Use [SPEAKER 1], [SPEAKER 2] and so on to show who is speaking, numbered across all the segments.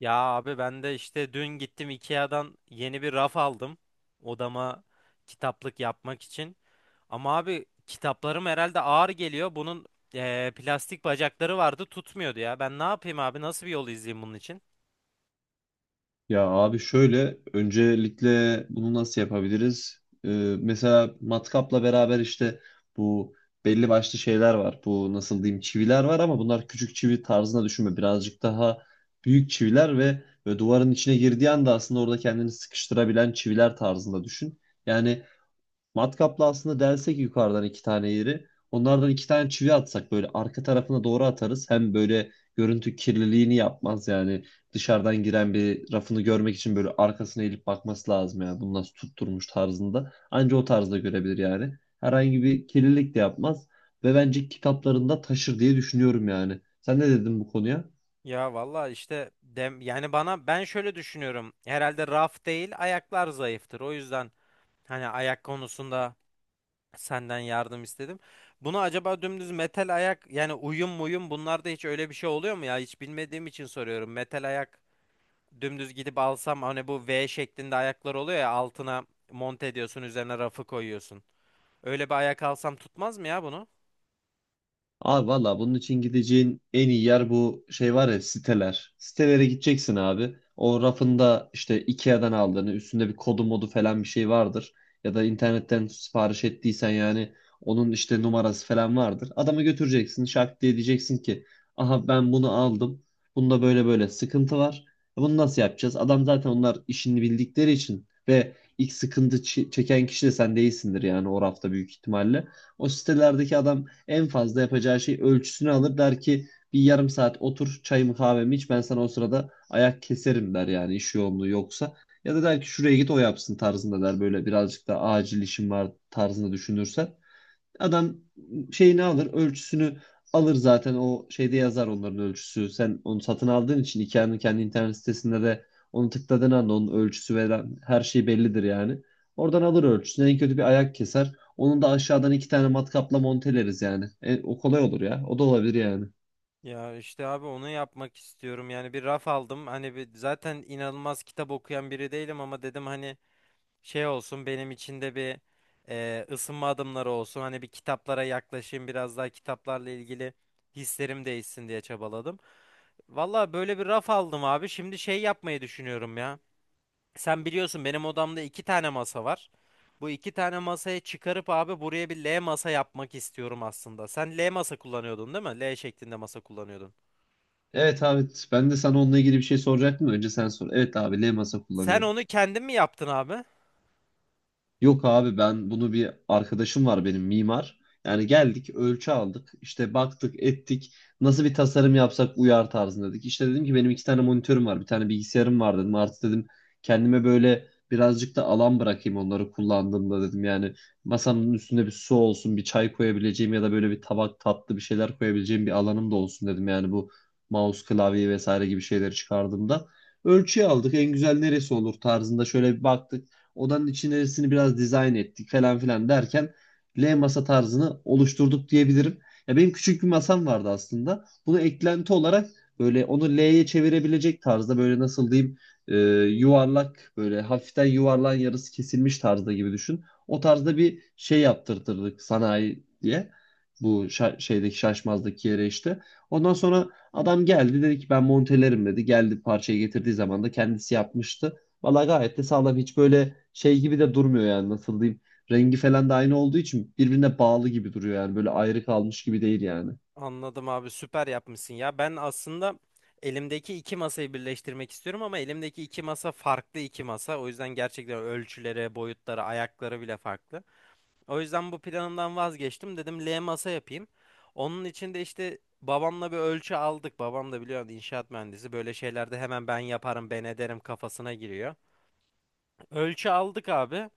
[SPEAKER 1] Ya abi ben de işte dün gittim IKEA'dan yeni bir raf aldım odama kitaplık yapmak için. Ama abi kitaplarım herhalde ağır geliyor. Bunun plastik bacakları vardı tutmuyordu ya. Ben ne yapayım abi, nasıl bir yol izleyeyim bunun için?
[SPEAKER 2] Ya abi şöyle öncelikle bunu nasıl yapabiliriz? Mesela matkapla beraber işte bu belli başlı şeyler var. Bu nasıl diyeyim çiviler var ama bunlar küçük çivi tarzına düşünme. Birazcık daha büyük çiviler ve duvarın içine girdiği anda aslında orada kendini sıkıştırabilen çiviler tarzında düşün. Yani matkapla aslında delsek yukarıdan iki tane yeri. Onlardan iki tane çivi atsak böyle arka tarafına doğru atarız. Hem böyle görüntü kirliliğini yapmaz yani. Dışarıdan giren bir rafını görmek için böyle arkasına eğilip bakması lazım ya, bunu nasıl tutturmuş tarzında. Anca o tarzda görebilir yani. Herhangi bir kirlilik de yapmaz. Ve bence kitaplarında taşır diye düşünüyorum yani. Sen ne dedin bu konuya?
[SPEAKER 1] Ya valla işte dem yani bana ben şöyle düşünüyorum. Herhalde raf değil, ayaklar zayıftır. O yüzden hani ayak konusunda senden yardım istedim. Bunu acaba dümdüz metal ayak, yani uyum muyum, bunlarda hiç öyle bir şey oluyor mu ya? Hiç bilmediğim için soruyorum. Metal ayak dümdüz gidip alsam, hani bu V şeklinde ayaklar oluyor ya altına monte ediyorsun, üzerine rafı koyuyorsun. Öyle bir ayak alsam tutmaz mı ya bunu?
[SPEAKER 2] Abi valla bunun için gideceğin en iyi yer bu şey var ya siteler. Sitelere gideceksin abi. O rafında işte Ikea'dan aldığını üstünde bir kodu modu falan bir şey vardır. Ya da internetten sipariş ettiysen yani onun işte numarası falan vardır. Adamı götüreceksin şak diye diyeceksin ki aha ben bunu aldım. Bunda böyle böyle sıkıntı var. Bunu nasıl yapacağız? Adam zaten onlar işini bildikleri için ve ilk sıkıntı çeken kişi de sen değilsindir yani o rafta büyük ihtimalle. O sitelerdeki adam en fazla yapacağı şey ölçüsünü alır der ki bir yarım saat otur çayımı kahvemi iç ben sana o sırada ayak keserim der yani iş yoğunluğu yoksa. Ya da der ki şuraya git o yapsın tarzında der böyle birazcık da acil işim var tarzında düşünürsen. Adam şeyini alır, ölçüsünü alır zaten o şeyde yazar onların ölçüsü. Sen onu satın aldığın için IKEA'nın kendi internet sitesinde de onu tıkladığın anda onun ölçüsü ve her şey bellidir yani. Oradan alır ölçüsünü. En kötü bir ayak keser. Onun da aşağıdan iki tane matkapla monteleriz yani. O kolay olur ya. O da olabilir yani.
[SPEAKER 1] Ya işte abi onu yapmak istiyorum. Yani bir raf aldım. Hani bir, zaten inanılmaz kitap okuyan biri değilim ama dedim hani şey olsun benim içinde bir ısınma adımları olsun. Hani bir kitaplara yaklaşayım, biraz daha kitaplarla ilgili hislerim değişsin diye çabaladım. Valla böyle bir raf aldım abi. Şimdi şey yapmayı düşünüyorum ya. Sen biliyorsun benim odamda iki tane masa var. Bu iki tane masayı çıkarıp abi buraya bir L masa yapmak istiyorum aslında. Sen L masa kullanıyordun değil mi? L şeklinde masa kullanıyordun.
[SPEAKER 2] Evet abi ben de sana onunla ilgili bir şey soracaktım. Da önce sen sor. Evet abi L masa
[SPEAKER 1] Sen
[SPEAKER 2] kullanıyorum.
[SPEAKER 1] onu kendin mi yaptın abi?
[SPEAKER 2] Yok abi ben bunu bir arkadaşım var benim mimar. Yani geldik ölçü aldık işte baktık ettik nasıl bir tasarım yapsak uyar tarzında dedik. İşte dedim ki benim iki tane monitörüm var bir tane bilgisayarım var dedim. Artık dedim kendime böyle birazcık da alan bırakayım onları kullandığımda dedim. Yani masamın üstünde bir su olsun bir çay koyabileceğim ya da böyle bir tabak tatlı bir şeyler koyabileceğim bir alanım da olsun dedim. Yani bu mouse klavye vesaire gibi şeyleri çıkardığımda. Ölçüyü aldık en güzel neresi olur tarzında şöyle bir baktık. Odanın içerisini biraz dizayn ettik falan filan derken L masa tarzını oluşturduk diyebilirim. Ya benim küçük bir masam vardı aslında. Bunu eklenti olarak böyle onu L'ye çevirebilecek tarzda böyle nasıl diyeyim e, yuvarlak böyle hafiften yuvarlan yarısı kesilmiş tarzda gibi düşün. O tarzda bir şey yaptırtırdık sanayi diye. Bu şeydeki şaşmazdaki yere işte. Ondan sonra adam geldi dedi ki ben montelerim dedi. Geldi parçayı getirdiği zaman da kendisi yapmıştı. Valla gayet de sağlam. Hiç böyle şey gibi de durmuyor yani nasıl diyeyim. Rengi falan da aynı olduğu için birbirine bağlı gibi duruyor yani. Böyle ayrı kalmış gibi değil yani.
[SPEAKER 1] Anladım abi, süper yapmışsın ya. Ben aslında elimdeki iki masayı birleştirmek istiyorum ama elimdeki iki masa farklı iki masa. O yüzden gerçekten ölçüleri, boyutları, ayakları bile farklı. O yüzden bu planımdan vazgeçtim. Dedim L masa yapayım. Onun için de işte babamla bir ölçü aldık. Babam da biliyorsun inşaat mühendisi. Böyle şeylerde hemen ben yaparım, ben ederim kafasına giriyor. Ölçü aldık abi.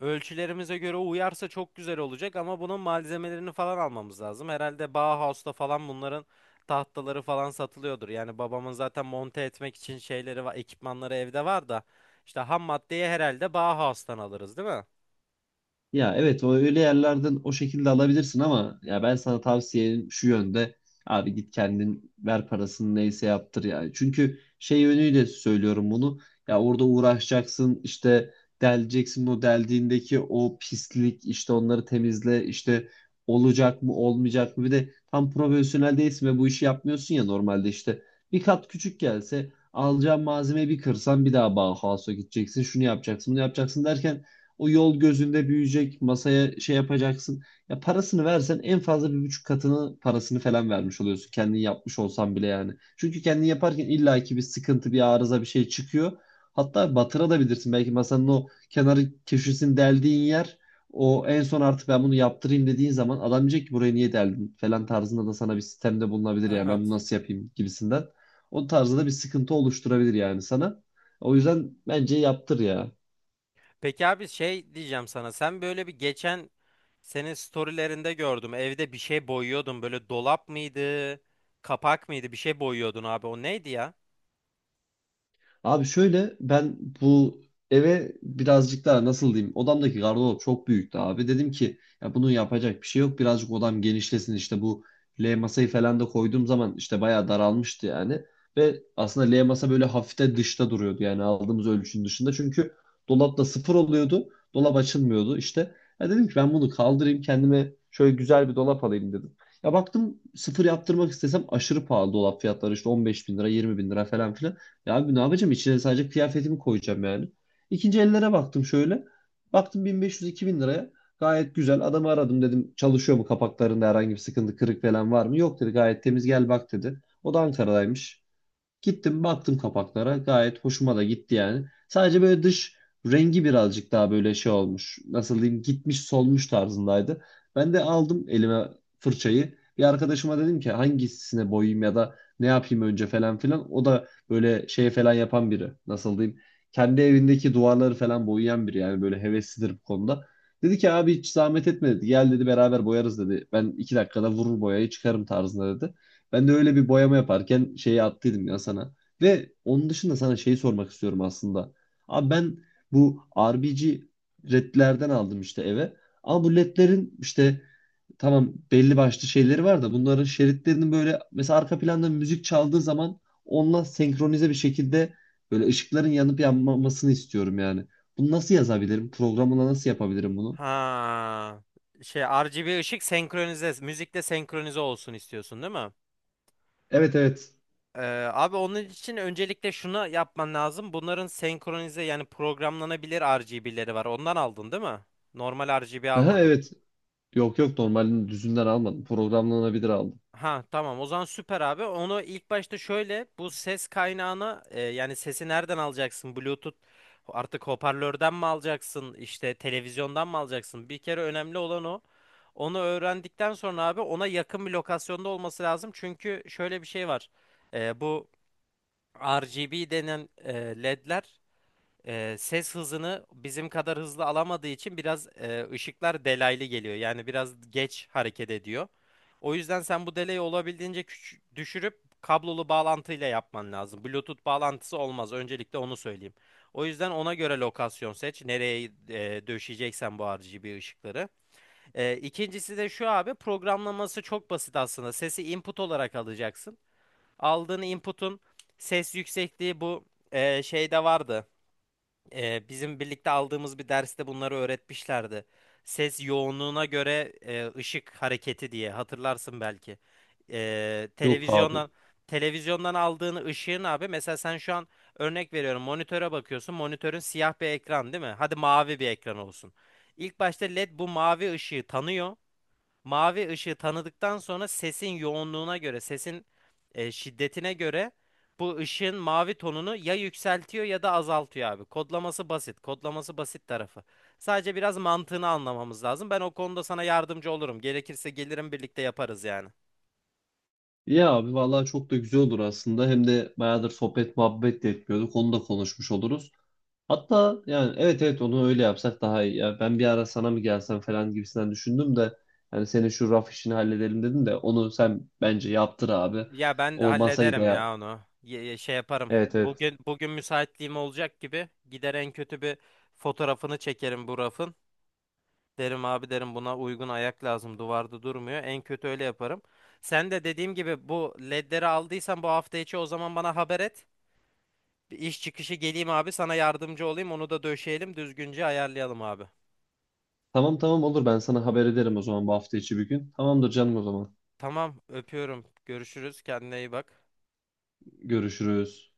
[SPEAKER 1] Ölçülerimize göre uyarsa çok güzel olacak ama bunun malzemelerini falan almamız lazım. Herhalde Bauhaus'ta falan bunların tahtaları falan satılıyordur. Yani babamın zaten monte etmek için şeyleri var, ekipmanları evde var da işte ham maddeyi herhalde Bauhaus'tan alırız, değil mi?
[SPEAKER 2] Ya evet o öyle yerlerden o şekilde alabilirsin ama ya ben sana tavsiyem şu yönde abi git kendin ver parasını neyse yaptır yani. Çünkü şey yönüyle söylüyorum bunu. Ya orada uğraşacaksın işte deleceksin o deldiğindeki o pislik işte onları temizle işte olacak mı olmayacak mı bir de tam profesyonel değilsin ve bu işi yapmıyorsun ya normalde işte bir kat küçük gelse alacağın malzemeyi bir kırsan bir daha Bauhaus'a gideceksin şunu yapacaksın bunu yapacaksın derken o yol gözünde büyüyecek, masaya şey yapacaksın. Ya parasını versen en fazla bir buçuk katını parasını falan vermiş oluyorsun. Kendin yapmış olsan bile yani. Çünkü kendin yaparken illaki bir sıkıntı, bir arıza, bir şey çıkıyor. Hatta batırabilirsin. Belki masanın o kenarı köşesini deldiğin yer o en son artık ben bunu yaptırayım dediğin zaman adam diyecek ki buraya niye deldin falan tarzında da sana bir sistemde bulunabilir yani ben bunu
[SPEAKER 1] Evet.
[SPEAKER 2] nasıl yapayım gibisinden. O tarzda da bir sıkıntı oluşturabilir yani sana. O yüzden bence yaptır ya.
[SPEAKER 1] Peki abi şey diyeceğim sana. Sen böyle bir geçen senin storylerinde gördüm. Evde bir şey boyuyordun. Böyle dolap mıydı? Kapak mıydı? Bir şey boyuyordun abi. O neydi ya?
[SPEAKER 2] Abi şöyle ben bu eve birazcık daha nasıl diyeyim odamdaki gardırop çok büyüktü abi. Dedim ki ya bunu yapacak bir şey yok birazcık odam genişlesin işte bu L masayı falan da koyduğum zaman işte bayağı daralmıştı yani. Ve aslında L masa böyle hafif de dışta duruyordu yani aldığımız ölçünün dışında. Çünkü dolapta sıfır oluyordu dolap açılmıyordu işte. Ya dedim ki ben bunu kaldırayım kendime şöyle güzel bir dolap alayım dedim. Ya baktım sıfır yaptırmak istesem aşırı pahalı dolap fiyatları işte 15 bin lira 20 bin lira falan filan. Ya abi ne yapacağım? İçine sadece kıyafetimi koyacağım yani. İkinci ellere baktım şöyle. Baktım 1500-2000 liraya. Gayet güzel. Adamı aradım dedim çalışıyor mu kapaklarında herhangi bir sıkıntı kırık falan var mı? Yok dedi gayet temiz gel bak dedi. O da Ankara'daymış. Gittim baktım kapaklara gayet hoşuma da gitti yani. Sadece böyle dış rengi birazcık daha böyle şey olmuş. Nasıl diyeyim gitmiş solmuş tarzındaydı. Ben de aldım elime fırçayı. Bir arkadaşıma dedim ki hangisine boyayayım ya da ne yapayım önce falan filan. O da böyle şey falan yapan biri. Nasıl diyeyim kendi evindeki duvarları falan boyayan biri yani böyle heveslidir bu konuda. Dedi ki abi hiç zahmet etme dedi. Gel dedi beraber boyarız dedi. Ben iki dakikada vurur boyayı çıkarım tarzında dedi. Ben de öyle bir boyama yaparken şeyi attıydım ya sana. Ve onun dışında sana şeyi sormak istiyorum aslında. Abi ben bu RBG ledlerden aldım işte eve. Ama bu ledlerin işte tamam belli başlı şeyleri var da bunların şeritlerinin böyle mesela arka planda müzik çaldığı zaman onunla senkronize bir şekilde böyle ışıkların yanıp yanmamasını istiyorum yani. Bunu nasıl yazabilirim? Programla nasıl yapabilirim bunu?
[SPEAKER 1] Ha. Şey, RGB ışık senkronize, müzikle senkronize olsun istiyorsun değil mi?
[SPEAKER 2] Evet evet.
[SPEAKER 1] Ee, Abi onun için öncelikle şunu yapman lazım. Bunların senkronize, yani programlanabilir RGB'leri var. Ondan aldın değil mi? Normal RGB
[SPEAKER 2] Aha,
[SPEAKER 1] almadın.
[SPEAKER 2] evet. Yok yok normalini düzünden almadım. Programlanabilir aldım.
[SPEAKER 1] Ha tamam, o zaman süper abi. Onu ilk başta şöyle, bu ses kaynağını yani sesi nereden alacaksın? Bluetooth artık, hoparlörden mi alacaksın? İşte televizyondan mı alacaksın? Bir kere önemli olan o. Onu öğrendikten sonra abi ona yakın bir lokasyonda olması lazım. Çünkü şöyle bir şey var. Bu RGB denen LED'ler ses hızını bizim kadar hızlı alamadığı için biraz ışıklar delaylı geliyor. Yani biraz geç hareket ediyor. O yüzden sen bu delayı olabildiğince düşürüp kablolu bağlantıyla yapman lazım. Bluetooth bağlantısı olmaz. Öncelikle onu söyleyeyim. O yüzden ona göre lokasyon seç. Nereye döşeyeceksen bu RGB ışıkları. İkincisi de şu abi, programlaması çok basit aslında. Sesi input olarak alacaksın. Aldığın input'un ses yüksekliği bu şeyde vardı, bizim birlikte aldığımız bir derste bunları öğretmişlerdi. Ses yoğunluğuna göre ışık hareketi diye hatırlarsın belki. E,
[SPEAKER 2] Yok abi.
[SPEAKER 1] televizyondan televizyondan aldığın ışığın abi, mesela sen şu an örnek veriyorum monitöre bakıyorsun. Monitörün siyah bir ekran değil mi? Hadi mavi bir ekran olsun. İlk başta LED bu mavi ışığı tanıyor. Mavi ışığı tanıdıktan sonra sesin yoğunluğuna göre, sesin şiddetine göre bu ışığın mavi tonunu ya yükseltiyor ya da azaltıyor abi. Kodlaması basit. Kodlaması basit tarafı. Sadece biraz mantığını anlamamız lazım. Ben o konuda sana yardımcı olurum. Gerekirse gelirim, birlikte yaparız yani.
[SPEAKER 2] Ya abi vallahi çok da güzel olur aslında. Hem de bayağıdır sohbet muhabbet de etmiyorduk. Onu da konuşmuş oluruz. Hatta yani evet evet onu öyle yapsak daha iyi. Ya ben bir ara sana mı gelsem falan gibisinden düşündüm de yani senin şu raf işini halledelim dedim de onu sen bence yaptır abi.
[SPEAKER 1] Ya ben de
[SPEAKER 2] O masayı da
[SPEAKER 1] hallederim
[SPEAKER 2] yap.
[SPEAKER 1] ya onu. Şey yaparım.
[SPEAKER 2] Evet evet.
[SPEAKER 1] Bugün müsaitliğim olacak gibi gider, en kötü bir fotoğrafını çekerim bu rafın. Derim abi, derim buna uygun ayak lazım. Duvarda durmuyor. En kötü öyle yaparım. Sen de dediğim gibi bu ledleri aldıysan bu hafta içi o zaman bana haber et. Bir iş çıkışı geleyim abi, sana yardımcı olayım. Onu da döşeyelim, düzgünce ayarlayalım abi.
[SPEAKER 2] Tamam tamam olur ben sana haber ederim o zaman bu hafta içi bir gün. Tamamdır canım o zaman.
[SPEAKER 1] Tamam, öpüyorum. Görüşürüz. Kendine iyi bak.
[SPEAKER 2] Görüşürüz.